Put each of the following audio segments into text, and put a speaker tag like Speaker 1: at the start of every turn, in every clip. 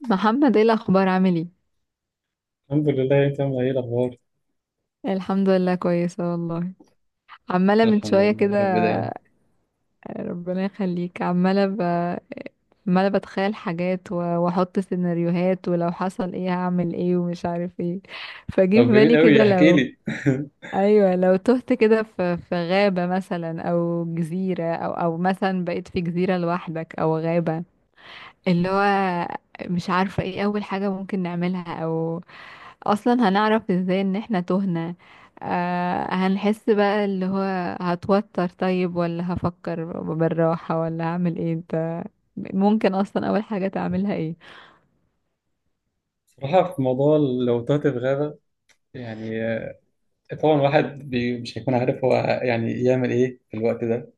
Speaker 1: محمد، ايه الاخبار؟ عامل ايه؟
Speaker 2: الحمد لله، انت عامل ايه الاخبار؟
Speaker 1: الحمد لله كويسه والله. عماله من
Speaker 2: الحمد
Speaker 1: شويه
Speaker 2: لله يا
Speaker 1: كده.
Speaker 2: رب دايما.
Speaker 1: ربنا يخليك. عماله عماله بتخيل حاجات واحط سيناريوهات، ولو حصل ايه هعمل ايه ومش عارف ايه. فجه في
Speaker 2: طب جميل
Speaker 1: بالي
Speaker 2: قوي
Speaker 1: كده،
Speaker 2: احكي
Speaker 1: لو
Speaker 2: لي.
Speaker 1: ايوه لو تهت كده في غابه مثلا، او جزيره او مثلا بقيت في جزيره لوحدك او غابه. اللي هو مش عارفة ايه أول حاجة ممكن نعملها، أو أصلا هنعرف ازاي ان احنا تهنا؟ هنحس بقى، اللي هو هتوتر؟ طيب ولا هفكر بالراحة ولا هعمل ايه؟ انت ممكن أصلا أول حاجة تعملها ايه؟
Speaker 2: صراحة في موضوع لو تهت في غابة يعني آه، طبعا واحد بي مش هيكون عارف هو يعني يعمل ايه في الوقت ده،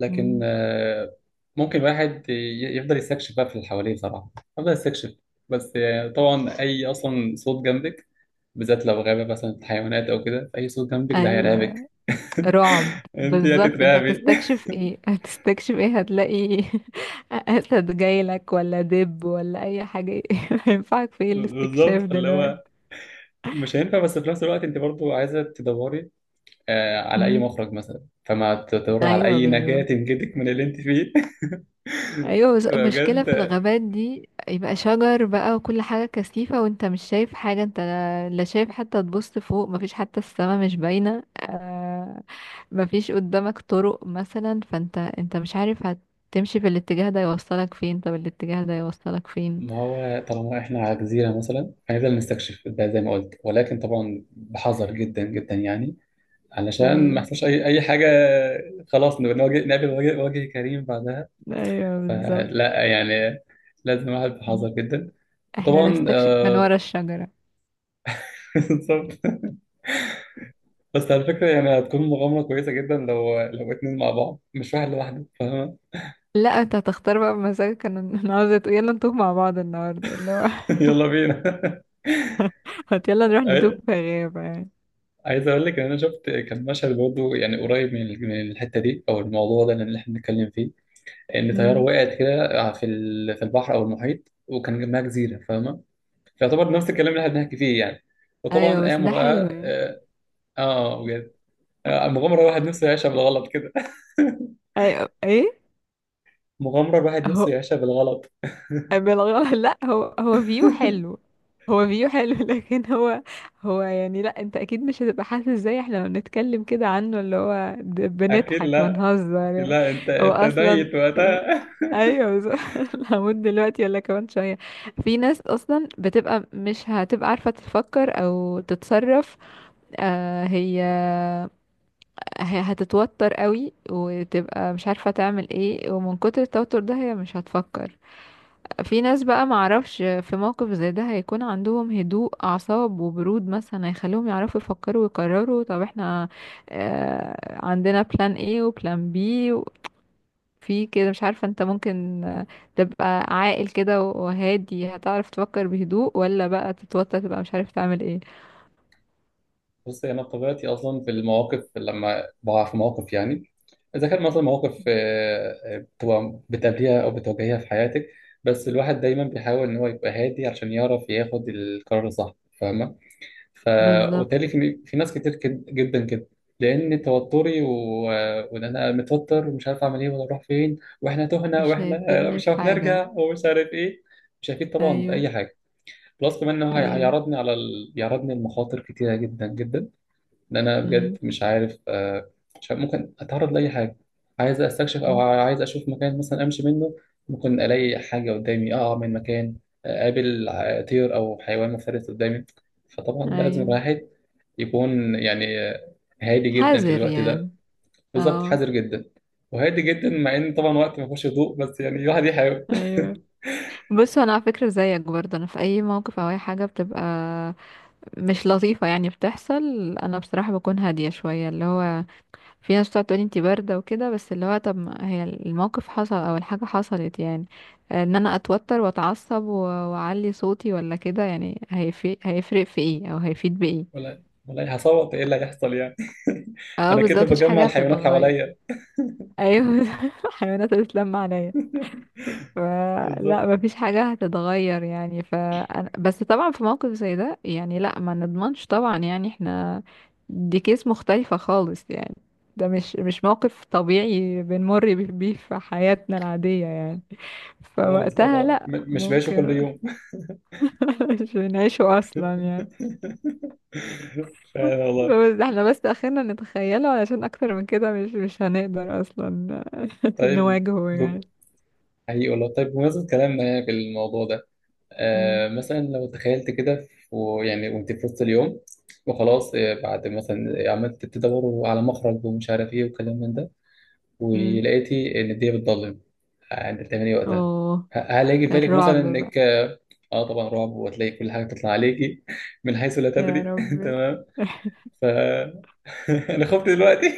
Speaker 2: لكن
Speaker 1: مم.
Speaker 2: ممكن واحد يفضل يستكشف بقى في اللي حواليه صراحة، يفضل يستكشف. بس طبعا اي اصلا صوت جنبك، بالذات لو غابة مثلا حيوانات او كده، اي صوت جنبك ده
Speaker 1: أيوة
Speaker 2: هيرعبك.
Speaker 1: رعب
Speaker 2: انت
Speaker 1: بالظبط. انت
Speaker 2: هتترعبي.
Speaker 1: هتستكشف ايه؟ هتستكشف ايه؟ هتلاقي أسد جايلك ولا دب ولا أي حاجة؟ ينفعك في ايه الاستكشاف
Speaker 2: بالظبط، اللي هو
Speaker 1: دلوقتي؟
Speaker 2: مش هينفع، بس في نفس الوقت انت برضو عايزه تدوري آه على اي
Speaker 1: مم.
Speaker 2: مخرج مثلا، فما تدوري على
Speaker 1: أيوة
Speaker 2: اي نجاه
Speaker 1: بالظبط.
Speaker 2: تنجدك من اللي انت فيه.
Speaker 1: ايوه، بس المشكله في
Speaker 2: بجد.
Speaker 1: الغابات دي، يبقى شجر بقى وكل حاجه كثيفه، وانت مش شايف حاجه. انت لا شايف حتى. تبص فوق، مفيش حتى السما، مش باينه. آه. مفيش قدامك طرق مثلا، فانت انت مش عارف، هتمشي في الاتجاه ده يوصلك فين؟ طب الاتجاه ده يوصلك فين؟
Speaker 2: ما هو طالما احنا على جزيره مثلا هنفضل نستكشف ده زي ما قلت، ولكن طبعا بحذر جدا جدا يعني، علشان ما
Speaker 1: ايوه.
Speaker 2: يحصلش اي حاجه. خلاص نواجه نقابل وجه، وجه كريم بعدها.
Speaker 1: ايوه بالظبط،
Speaker 2: فلا يعني لازم الواحد بحذر جدا.
Speaker 1: احنا
Speaker 2: وطبعا
Speaker 1: نستكشف من
Speaker 2: آه.
Speaker 1: ورا الشجره.
Speaker 2: بالظبط. بس على فكرة يعني هتكون مغامرة كويسة جدا لو اتنين مع بعض مش واحد لوحده، فاهمة؟
Speaker 1: لا، انت هتختار بقى بمزاجك. انا عاوزه تقول يلا نتوه مع بعض النهارده، اللي هو
Speaker 2: يلا بينا.
Speaker 1: هات يلا نروح نتوه
Speaker 2: عاي-
Speaker 1: في غابه.
Speaker 2: عايز أقول لك إن أنا شفت كان مشهد برضه يعني قريب من الحتة دي أو الموضوع ده اللي إحنا بنتكلم فيه، إن طيارة
Speaker 1: يعني
Speaker 2: وقعت كده في البحر أو المحيط، وكان جنبها جزيرة فاهمة. فيعتبر نفس الكلام اللي إحنا بنحكي فيه يعني. وطبعا
Speaker 1: ايوه، بس
Speaker 2: قاموا
Speaker 1: ده حلو
Speaker 2: بقى
Speaker 1: يعني.
Speaker 2: آه. آه، بجد. آه، مغامرة الواحد نفسه يعيشها بالغلط كده.
Speaker 1: ايوه. ايه
Speaker 2: مغامرة الواحد نفسه
Speaker 1: هو؟
Speaker 2: يعيشها بالغلط.
Speaker 1: بالغلط لا هو، هو فيو حلو لكن هو، هو يعني، لا انت اكيد مش هتبقى حاسس زي احنا لما بنتكلم كده عنه، اللي هو
Speaker 2: أكيد
Speaker 1: بنضحك
Speaker 2: لا.
Speaker 1: بنهزر يعني.
Speaker 2: لا انت
Speaker 1: هو
Speaker 2: انت
Speaker 1: اصلا
Speaker 2: ميت وقتها.
Speaker 1: ايوه بالظبط. هموت دلوقتي ولا كمان شويه؟ في ناس اصلا بتبقى مش هتبقى عارفه تفكر او تتصرف. آه، هي هتتوتر قوي وتبقى مش عارفة تعمل ايه، ومن كتر التوتر ده هي مش هتفكر. في ناس بقى، معرفش، في موقف زي ده هيكون عندهم هدوء أعصاب وبرود مثلا، هيخليهم يعرفوا يفكروا ويقرروا. طب احنا عندنا بلان ايه وبلان بي؟ في كده، مش عارفة، انت ممكن تبقى عاقل كده وهادي، هتعرف تفكر بهدوء؟ ولا بقى تتوتر تبقى مش عارف تعمل ايه؟
Speaker 2: بص انا بطبيعتي اصلا في المواقف لما بقع في مواقف يعني، اذا كان مثلا مواقف بتبقى بتقابليها او بتواجهيها في حياتك، بس الواحد دايما بيحاول ان هو يبقى هادي عشان يعرف ياخد القرار الصح، فاهمه. ف وبالتالي
Speaker 1: بالظبط،
Speaker 2: في ناس كتير جدا كده، لان توتري و... وان انا متوتر ومش عارف اعمل ايه ولا اروح فين واحنا تهنا
Speaker 1: مش
Speaker 2: واحنا
Speaker 1: هيفيدني
Speaker 2: مش عارف
Speaker 1: بحاجة.
Speaker 2: نرجع ومش عارف ايه، مش هيفيد طبعا
Speaker 1: ايوه.
Speaker 2: باي حاجه. بلس كمان انه
Speaker 1: ايوه.
Speaker 2: هيعرضني على ال... بيعرضني لمخاطر كتيره جدا جدا، ان انا بجد
Speaker 1: مم.
Speaker 2: مش عارف آه، مش عارف ممكن اتعرض لاي حاجه. عايز استكشف او عايز اشوف مكان مثلا امشي منه، ممكن الاقي حاجه قدامي اقع من مكان، آه، اقابل طير او حيوان مفترس قدامي. فطبعا لازم
Speaker 1: ايوه.
Speaker 2: الواحد يكون يعني آه، هادي جدا في
Speaker 1: حذر
Speaker 2: الوقت
Speaker 1: يعني.
Speaker 2: ده. بالظبط
Speaker 1: اه.
Speaker 2: حذر جدا وهادي جدا، مع ان طبعا وقت ما فيهوش هدوء، بس يعني الواحد يحاول.
Speaker 1: ايوه بص، انا على فكره زيك برضه، انا في اي موقف او اي حاجه بتبقى مش لطيفه يعني بتحصل، انا بصراحه بكون هاديه شويه. اللي هو في ناس بتقعد تقولي انتي بارده وكده، بس اللي هو طب ما هي الموقف حصل او الحاجه حصلت يعني، ان انا اتوتر واتعصب واعلي صوتي ولا كده، يعني هيفرق؟ هيفرق في ايه او هيفيد بايه؟
Speaker 2: ولا والله، هصوت ايه اللي هيحصل يعني؟
Speaker 1: اه
Speaker 2: انا
Speaker 1: بالظبط،
Speaker 2: كده
Speaker 1: مفيش
Speaker 2: بجمع
Speaker 1: حاجه
Speaker 2: الحيوانات
Speaker 1: هتتغير.
Speaker 2: حواليا.
Speaker 1: ايوه الحيوانات هتتلم عليا. ف- لا
Speaker 2: بالظبط.
Speaker 1: مفيش حاجة هتتغير يعني. ف، بس طبعا في موقف زي ده يعني، لا ما نضمنش طبعا يعني. احنا دي كيس مختلفة خالص يعني. ده مش موقف طبيعي بنمر بيه في حياتنا العادية يعني،
Speaker 2: خالص لا،
Speaker 1: فوقتها
Speaker 2: ده
Speaker 1: لا
Speaker 2: مش بعيشه كل
Speaker 1: ممكن.
Speaker 2: يوم.
Speaker 1: مش بنعيشه أصلا يعني.
Speaker 2: فعلا والله.
Speaker 1: بس احنا بس اخرنا نتخيله، علشان اكتر من كده مش هنقدر اصلا
Speaker 2: طيب
Speaker 1: نواجهه يعني.
Speaker 2: ب- حقيقي والله، طيب بمناسبة كلامنا يعني في الموضوع ده،
Speaker 1: م-
Speaker 2: آه مثلا لو تخيلت كده ويعني وانت في وسط اليوم، وخلاص آه، بعد مثلا عملت تدور على مخرج ومش عارف ايه وكلام من ده،
Speaker 1: م.
Speaker 2: ولقيتي ان الدنيا بتضلم، يعني انت بتعملي إيه وقتها؟
Speaker 1: اوه،
Speaker 2: هل هيجي في بالك مثلا
Speaker 1: الرعب.
Speaker 2: انك اه. آه طبعا رعب، وهتلاقي كل حاجه تطلع عليكي من حيث لا
Speaker 1: يا
Speaker 2: تدري.
Speaker 1: رب
Speaker 2: تمام. ف انا خفت دلوقتي.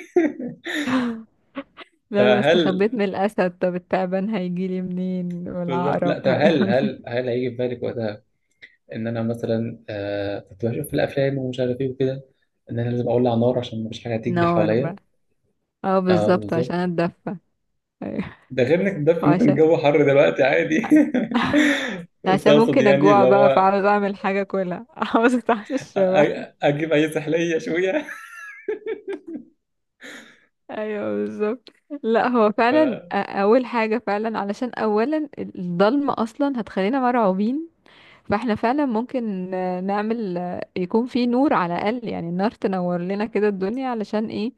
Speaker 1: لو انا
Speaker 2: فهل
Speaker 1: استخبيت من الاسد، طب التعبان هيجيلي منين؟
Speaker 2: بالظبط، لا
Speaker 1: والعقرب
Speaker 2: طب هل
Speaker 1: هيعمل إيه؟
Speaker 2: هل هل هيجي في بالك وقتها ان انا مثلا آه كنت بشوف في الافلام ومش عارف ايه وكده، ان انا لازم اولع نار عشان مفيش حاجه هتيجي
Speaker 1: نار
Speaker 2: حواليا.
Speaker 1: بقى. اه
Speaker 2: اه
Speaker 1: بالظبط، عشان
Speaker 2: بالظبط.
Speaker 1: اتدفى. ايوه.
Speaker 2: ده غير انك ممكن
Speaker 1: وعشان
Speaker 2: الجو حر دلوقتي عادي. بس
Speaker 1: عشان
Speaker 2: اقصد
Speaker 1: ممكن
Speaker 2: يعني اللي
Speaker 1: اجوع بقى،
Speaker 2: هو
Speaker 1: فعاوز اعمل حاجه كلها عاوز اتعشى بقى.
Speaker 2: أ- اجيب اي سحليه شويه.
Speaker 1: ايوه بالظبط. لا هو
Speaker 2: ف...
Speaker 1: فعلا، اول حاجه فعلا، علشان اولا الضلمه اصلا هتخلينا مرعوبين، فاحنا فعلا ممكن نعمل يكون في نور على الاقل يعني، النار تنور لنا كده الدنيا، علشان ايه؟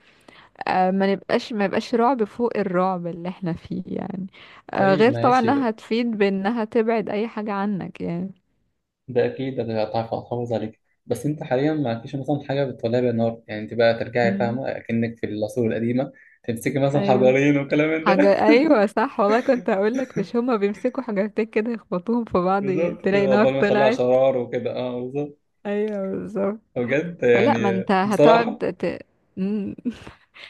Speaker 1: ما نبقاش، ما يبقاش رعب فوق الرعب اللي احنا فيه يعني.
Speaker 2: طيب
Speaker 1: غير طبعا
Speaker 2: ماشي،
Speaker 1: انها هتفيد بانها تبعد اي حاجة عنك يعني.
Speaker 2: ده اكيد انا هتعرف احافظ عليك. بس انت حاليا ما عندكيش مثلا حاجه بتولع بيها نار يعني، انت بقى ترجعي
Speaker 1: مم.
Speaker 2: فاهمه اكنك في العصور القديمه، تمسكي مثلا
Speaker 1: ايوه.
Speaker 2: حجرين وكلام من ده.
Speaker 1: حاجة، ايوه صح والله، كنت هقول لك، مش هما بيمسكوا حاجتين كده يخبطوهم في بعض؟
Speaker 2: بالظبط،
Speaker 1: تلاقي نار
Speaker 2: عقبال ما تطلع
Speaker 1: طلعت.
Speaker 2: شرار وكده، اه بالظبط.
Speaker 1: ايوه بالظبط.
Speaker 2: بجد
Speaker 1: فلا، ما
Speaker 2: يعني
Speaker 1: انت
Speaker 2: بصراحه.
Speaker 1: هتقعد مم.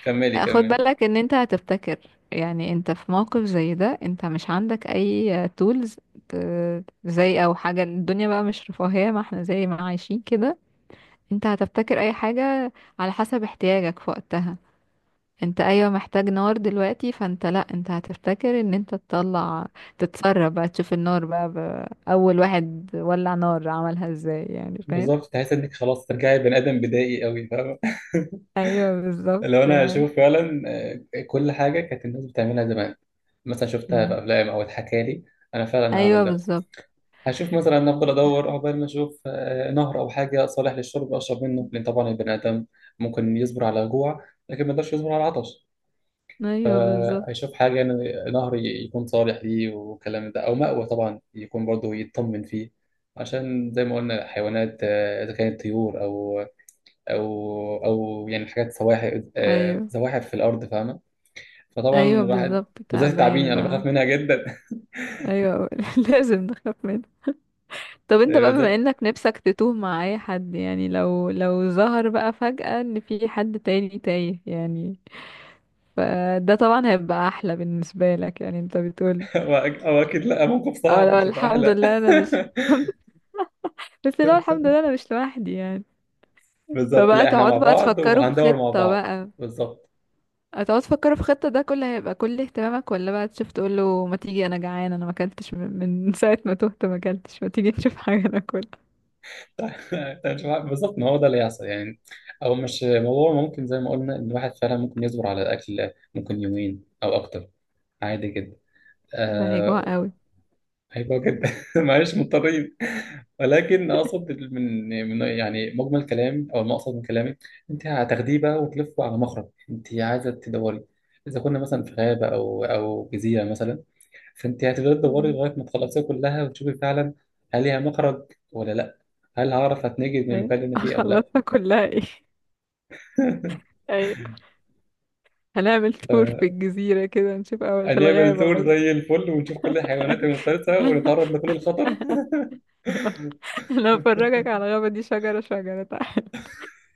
Speaker 2: كملي
Speaker 1: خد
Speaker 2: كملي.
Speaker 1: بالك ان انت هتفتكر. يعني انت في موقف زي ده، انت مش عندك اي تولز زي، او حاجة، الدنيا بقى مش رفاهية ما احنا زي ما عايشين كده. انت هتبتكر اي حاجة على حسب احتياجك في وقتها. انت ايوه محتاج نار دلوقتي، فانت لا، انت هتفتكر ان انت تطلع تتسرب بقى تشوف النار بقى، اول واحد ولع نار عملها ازاي يعني، فاهم؟
Speaker 2: بالظبط، تحس انك خلاص ترجعي بني ادم بدائي قوي، فاهمه؟
Speaker 1: ايوه بالظبط
Speaker 2: لو انا
Speaker 1: يعني.
Speaker 2: اشوف فعلا آه، كل حاجه كانت الناس بتعملها زمان، مثلا شفتها في
Speaker 1: مم.
Speaker 2: افلام او اتحكى لي، انا فعلا هعمل
Speaker 1: ايوه
Speaker 2: ده.
Speaker 1: بالظبط.
Speaker 2: هشوف مثلا، أنا افضل ادور عقبال ما اشوف آه، نهر او حاجه صالح للشرب اشرب منه، لان طبعا البني ادم ممكن يصبر على جوع، لكن ما يقدرش يصبر على عطش.
Speaker 1: ايوه بالظبط.
Speaker 2: فهيشوف حاجه يعني نهر يكون صالح ليه والكلام ده، او مأوى طبعا يكون برضه يطمن فيه، عشان زي ما قلنا حيوانات آه، اذا كانت طيور او او او يعني حاجات سواحل آه،
Speaker 1: ايوه.
Speaker 2: زواحف في الارض، فاهمه؟ فطبعا
Speaker 1: ايوه
Speaker 2: الواحد،
Speaker 1: بالظبط،
Speaker 2: بالذات التعابين
Speaker 1: تعبان
Speaker 2: انا
Speaker 1: بقى.
Speaker 2: بخاف منها جدا.
Speaker 1: ايوه. لازم نخاف منه. طب انت بقى، بما
Speaker 2: بالذات.
Speaker 1: انك نفسك تتوه مع اي حد يعني، لو ظهر بقى فجأة ان في حد تاني تايه يعني، فده طبعا هيبقى احلى بالنسبة لك يعني، انت بتقول.
Speaker 2: او اكيد لا، موقف
Speaker 1: اه
Speaker 2: صعب
Speaker 1: لو
Speaker 2: مش هيبقى
Speaker 1: الحمد
Speaker 2: احلى.
Speaker 1: لله انا مش بس لو الحمد لله انا مش لوحدي يعني.
Speaker 2: بالظبط،
Speaker 1: فبقى
Speaker 2: لا احنا
Speaker 1: تقعد
Speaker 2: مع
Speaker 1: بقى
Speaker 2: بعض
Speaker 1: تفكروا في
Speaker 2: وهندور مع
Speaker 1: خطة
Speaker 2: بعض.
Speaker 1: بقى.
Speaker 2: بالظبط.
Speaker 1: هتقعد تفكروا في خطة، ده كله هيبقى كل اهتمامك؟ ولا بقى تشوف تقول له ما تيجي، انا جعان، انا ما اكلتش من ساعة ما تهت ما اكلتش، ما تيجي نشوف حاجة ناكلها؟
Speaker 2: بالظبط ما هو ده اللي يحصل يعني. او مش موضوع، ممكن زي ما قلنا ان الواحد فعلا ممكن يصبر على الاكل، ممكن يومين او اكتر، عادي جدا.
Speaker 1: ده هيجوع
Speaker 2: آه
Speaker 1: قوي.
Speaker 2: هيبقى جدا. معلش مضطرين. ولكن اقصد من من يعني مجمل كلام او المقصد من كلامي، انت هتاخديه بقى وتلفه على مخرج انت عايزه تدوري، اذا كنا مثلا في غابه او جزيره مثلا، فانت هتفضلي تدوري
Speaker 1: مم.
Speaker 2: لغايه ما تخلصيها كلها وتشوفي فعلا هل ليها مخرج ولا لا، هل هعرف اتنجد من
Speaker 1: ايه؟
Speaker 2: المكان اللي انا فيه او لا.
Speaker 1: خلصنا كلها ايه؟ ايوه. هنعمل تور في الجزيرة كده نشوف، اول في
Speaker 2: هنعمل
Speaker 1: الغابة
Speaker 2: تور
Speaker 1: قصدي.
Speaker 2: زي الفل ونشوف كل الحيوانات المفترسه ونتعرض لكل الخطر.
Speaker 1: أيوة. انا هفرجك على الغابة دي شجرة شجرة. تعالى.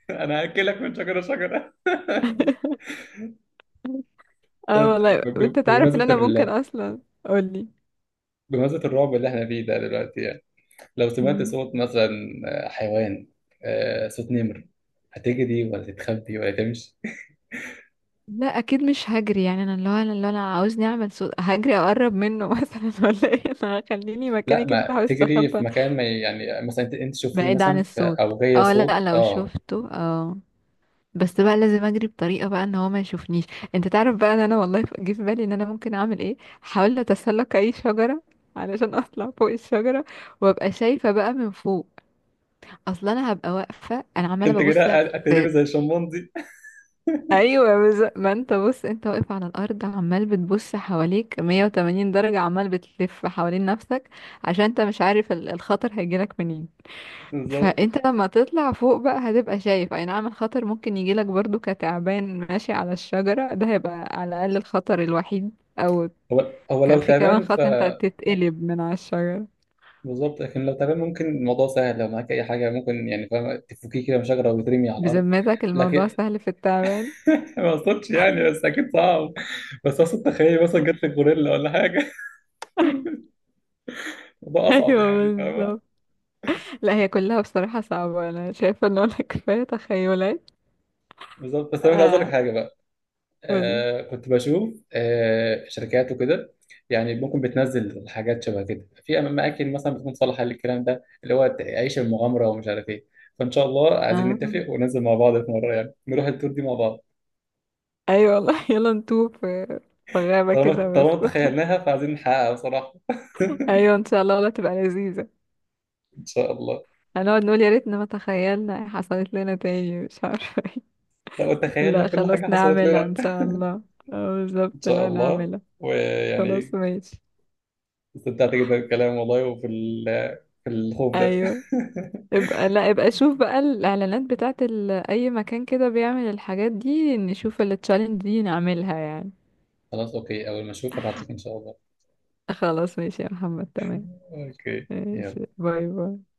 Speaker 2: انا هاكلك من شجره شجره.
Speaker 1: اه والله
Speaker 2: طيب،
Speaker 1: انت تعرف ان
Speaker 2: بمناسبة
Speaker 1: انا ممكن اصلا. قولي.
Speaker 2: بمناسبة الرعب اللي احنا فيه ده دلوقتي يعني، لو سمعت
Speaker 1: مم.
Speaker 2: صوت مثلا آه، حيوان، آه، صوت نمر، هتجري ولا تتخبي ولا تمشي؟
Speaker 1: لا اكيد مش هجري يعني. انا اللي هو، انا عاوزني اعمل صوت هجري اقرب منه مثلا؟ ولا ايه؟ انا هخليني
Speaker 2: لا
Speaker 1: مكاني كده
Speaker 2: ما
Speaker 1: بحاول
Speaker 2: تجري في
Speaker 1: استخبى
Speaker 2: مكان ما، يعني مثلا انت شفتيه
Speaker 1: بعيد عن
Speaker 2: مثلا في
Speaker 1: الصوت.
Speaker 2: اوجيه
Speaker 1: اه لا
Speaker 2: صوت
Speaker 1: لو
Speaker 2: اه.
Speaker 1: شفته اه، بس بقى لازم اجري بطريقه بقى ان هو ما يشوفنيش. انت تعرف بقى ان انا والله، جه في بالي ان انا ممكن اعمل ايه، حاولت اتسلق اي شجره علشان اطلع فوق الشجره، وابقى شايفه بقى من فوق. اصلا انا هبقى واقفه، انا عماله
Speaker 2: انت
Speaker 1: ببص
Speaker 2: كده
Speaker 1: في.
Speaker 2: هتقلبي زي الشمبانزي.
Speaker 1: ايوه ما انت بص، انت واقف على الارض عمال بتبص حواليك 180 درجه، عمال بتلف حوالين نفسك، عشان انت مش عارف الخطر هيجيلك منين.
Speaker 2: بالظبط.
Speaker 1: فانت لما تطلع فوق بقى، هتبقى شايف. اي نعم الخطر ممكن يجيلك برضو كتعبان ماشي على الشجرة، ده هيبقى على الاقل الخطر الوحيد، او
Speaker 2: هو
Speaker 1: كان
Speaker 2: لو
Speaker 1: في كمان
Speaker 2: تعبان ف
Speaker 1: خطر انت تتقلب من على الشجرة.
Speaker 2: بالظبط. لكن لو تعبان ممكن الموضوع سهل، لو معاك اي حاجه ممكن يعني فاهم تفكيه كده من شجره وترمي على الارض.
Speaker 1: بذمتك الموضوع
Speaker 2: لكن
Speaker 1: سهل في التعبان؟
Speaker 2: ما اقصدش يعني، بس اكيد صعب. بس اقصد تخيل مثلا جت لك غوريلا ولا حاجه. الموضوع اصعب
Speaker 1: ايوه
Speaker 2: يعني، فاهمه؟
Speaker 1: بالظبط. لا هي كلها بصراحة صعبة، انا شايفة ان انا كفاية تخيلات.
Speaker 2: بالظبط. بس انا كنت عايز اقول لك
Speaker 1: اه،
Speaker 2: حاجه بقى،
Speaker 1: قولي.
Speaker 2: آه كنت بشوف آه شركات وكده، يعني ممكن بتنزل حاجات شبه كده في اماكن مثلا بتكون صالحه للكلام ده اللي هو عيش المغامره ومش عارف ايه. فان شاء الله عايزين
Speaker 1: اه
Speaker 2: نتفق وننزل مع بعض في مره، يعني نروح التور دي مع بعض.
Speaker 1: ايوه والله يلا نتوه في في غابة
Speaker 2: طالما
Speaker 1: كده بس.
Speaker 2: طالما تخيلناها فعايزين نحققها بصراحه.
Speaker 1: ايوه ان شاء الله والله، تبقى لذيذة.
Speaker 2: ان شاء الله.
Speaker 1: هنقعد نقول يا ريتنا ما تخيلنا، إيه حصلت لنا تاني مش عارفة ايه.
Speaker 2: لو تخيلنا
Speaker 1: لا
Speaker 2: كل حاجه
Speaker 1: خلاص
Speaker 2: حصلت
Speaker 1: نعملها
Speaker 2: لنا.
Speaker 1: ان شاء الله. اه
Speaker 2: ان
Speaker 1: بالظبط
Speaker 2: شاء
Speaker 1: لا
Speaker 2: الله.
Speaker 1: نعملها. خلاص
Speaker 2: ويعني
Speaker 1: ماشي.
Speaker 2: استمتعت جدا بالكلام والله، في الخوف ده.
Speaker 1: ايوه ابقى، لا ابقى شوف بقى الاعلانات بتاعت اي مكان كده بيعمل الحاجات دي، نشوف التشالنج دي نعملها يعني.
Speaker 2: خلاص اوكي، اول ما اشوف هبعت لك ان شاء الله.
Speaker 1: خلاص ماشي يا محمد، تمام.
Speaker 2: اوكي
Speaker 1: ماشي،
Speaker 2: يلا.
Speaker 1: باي باي.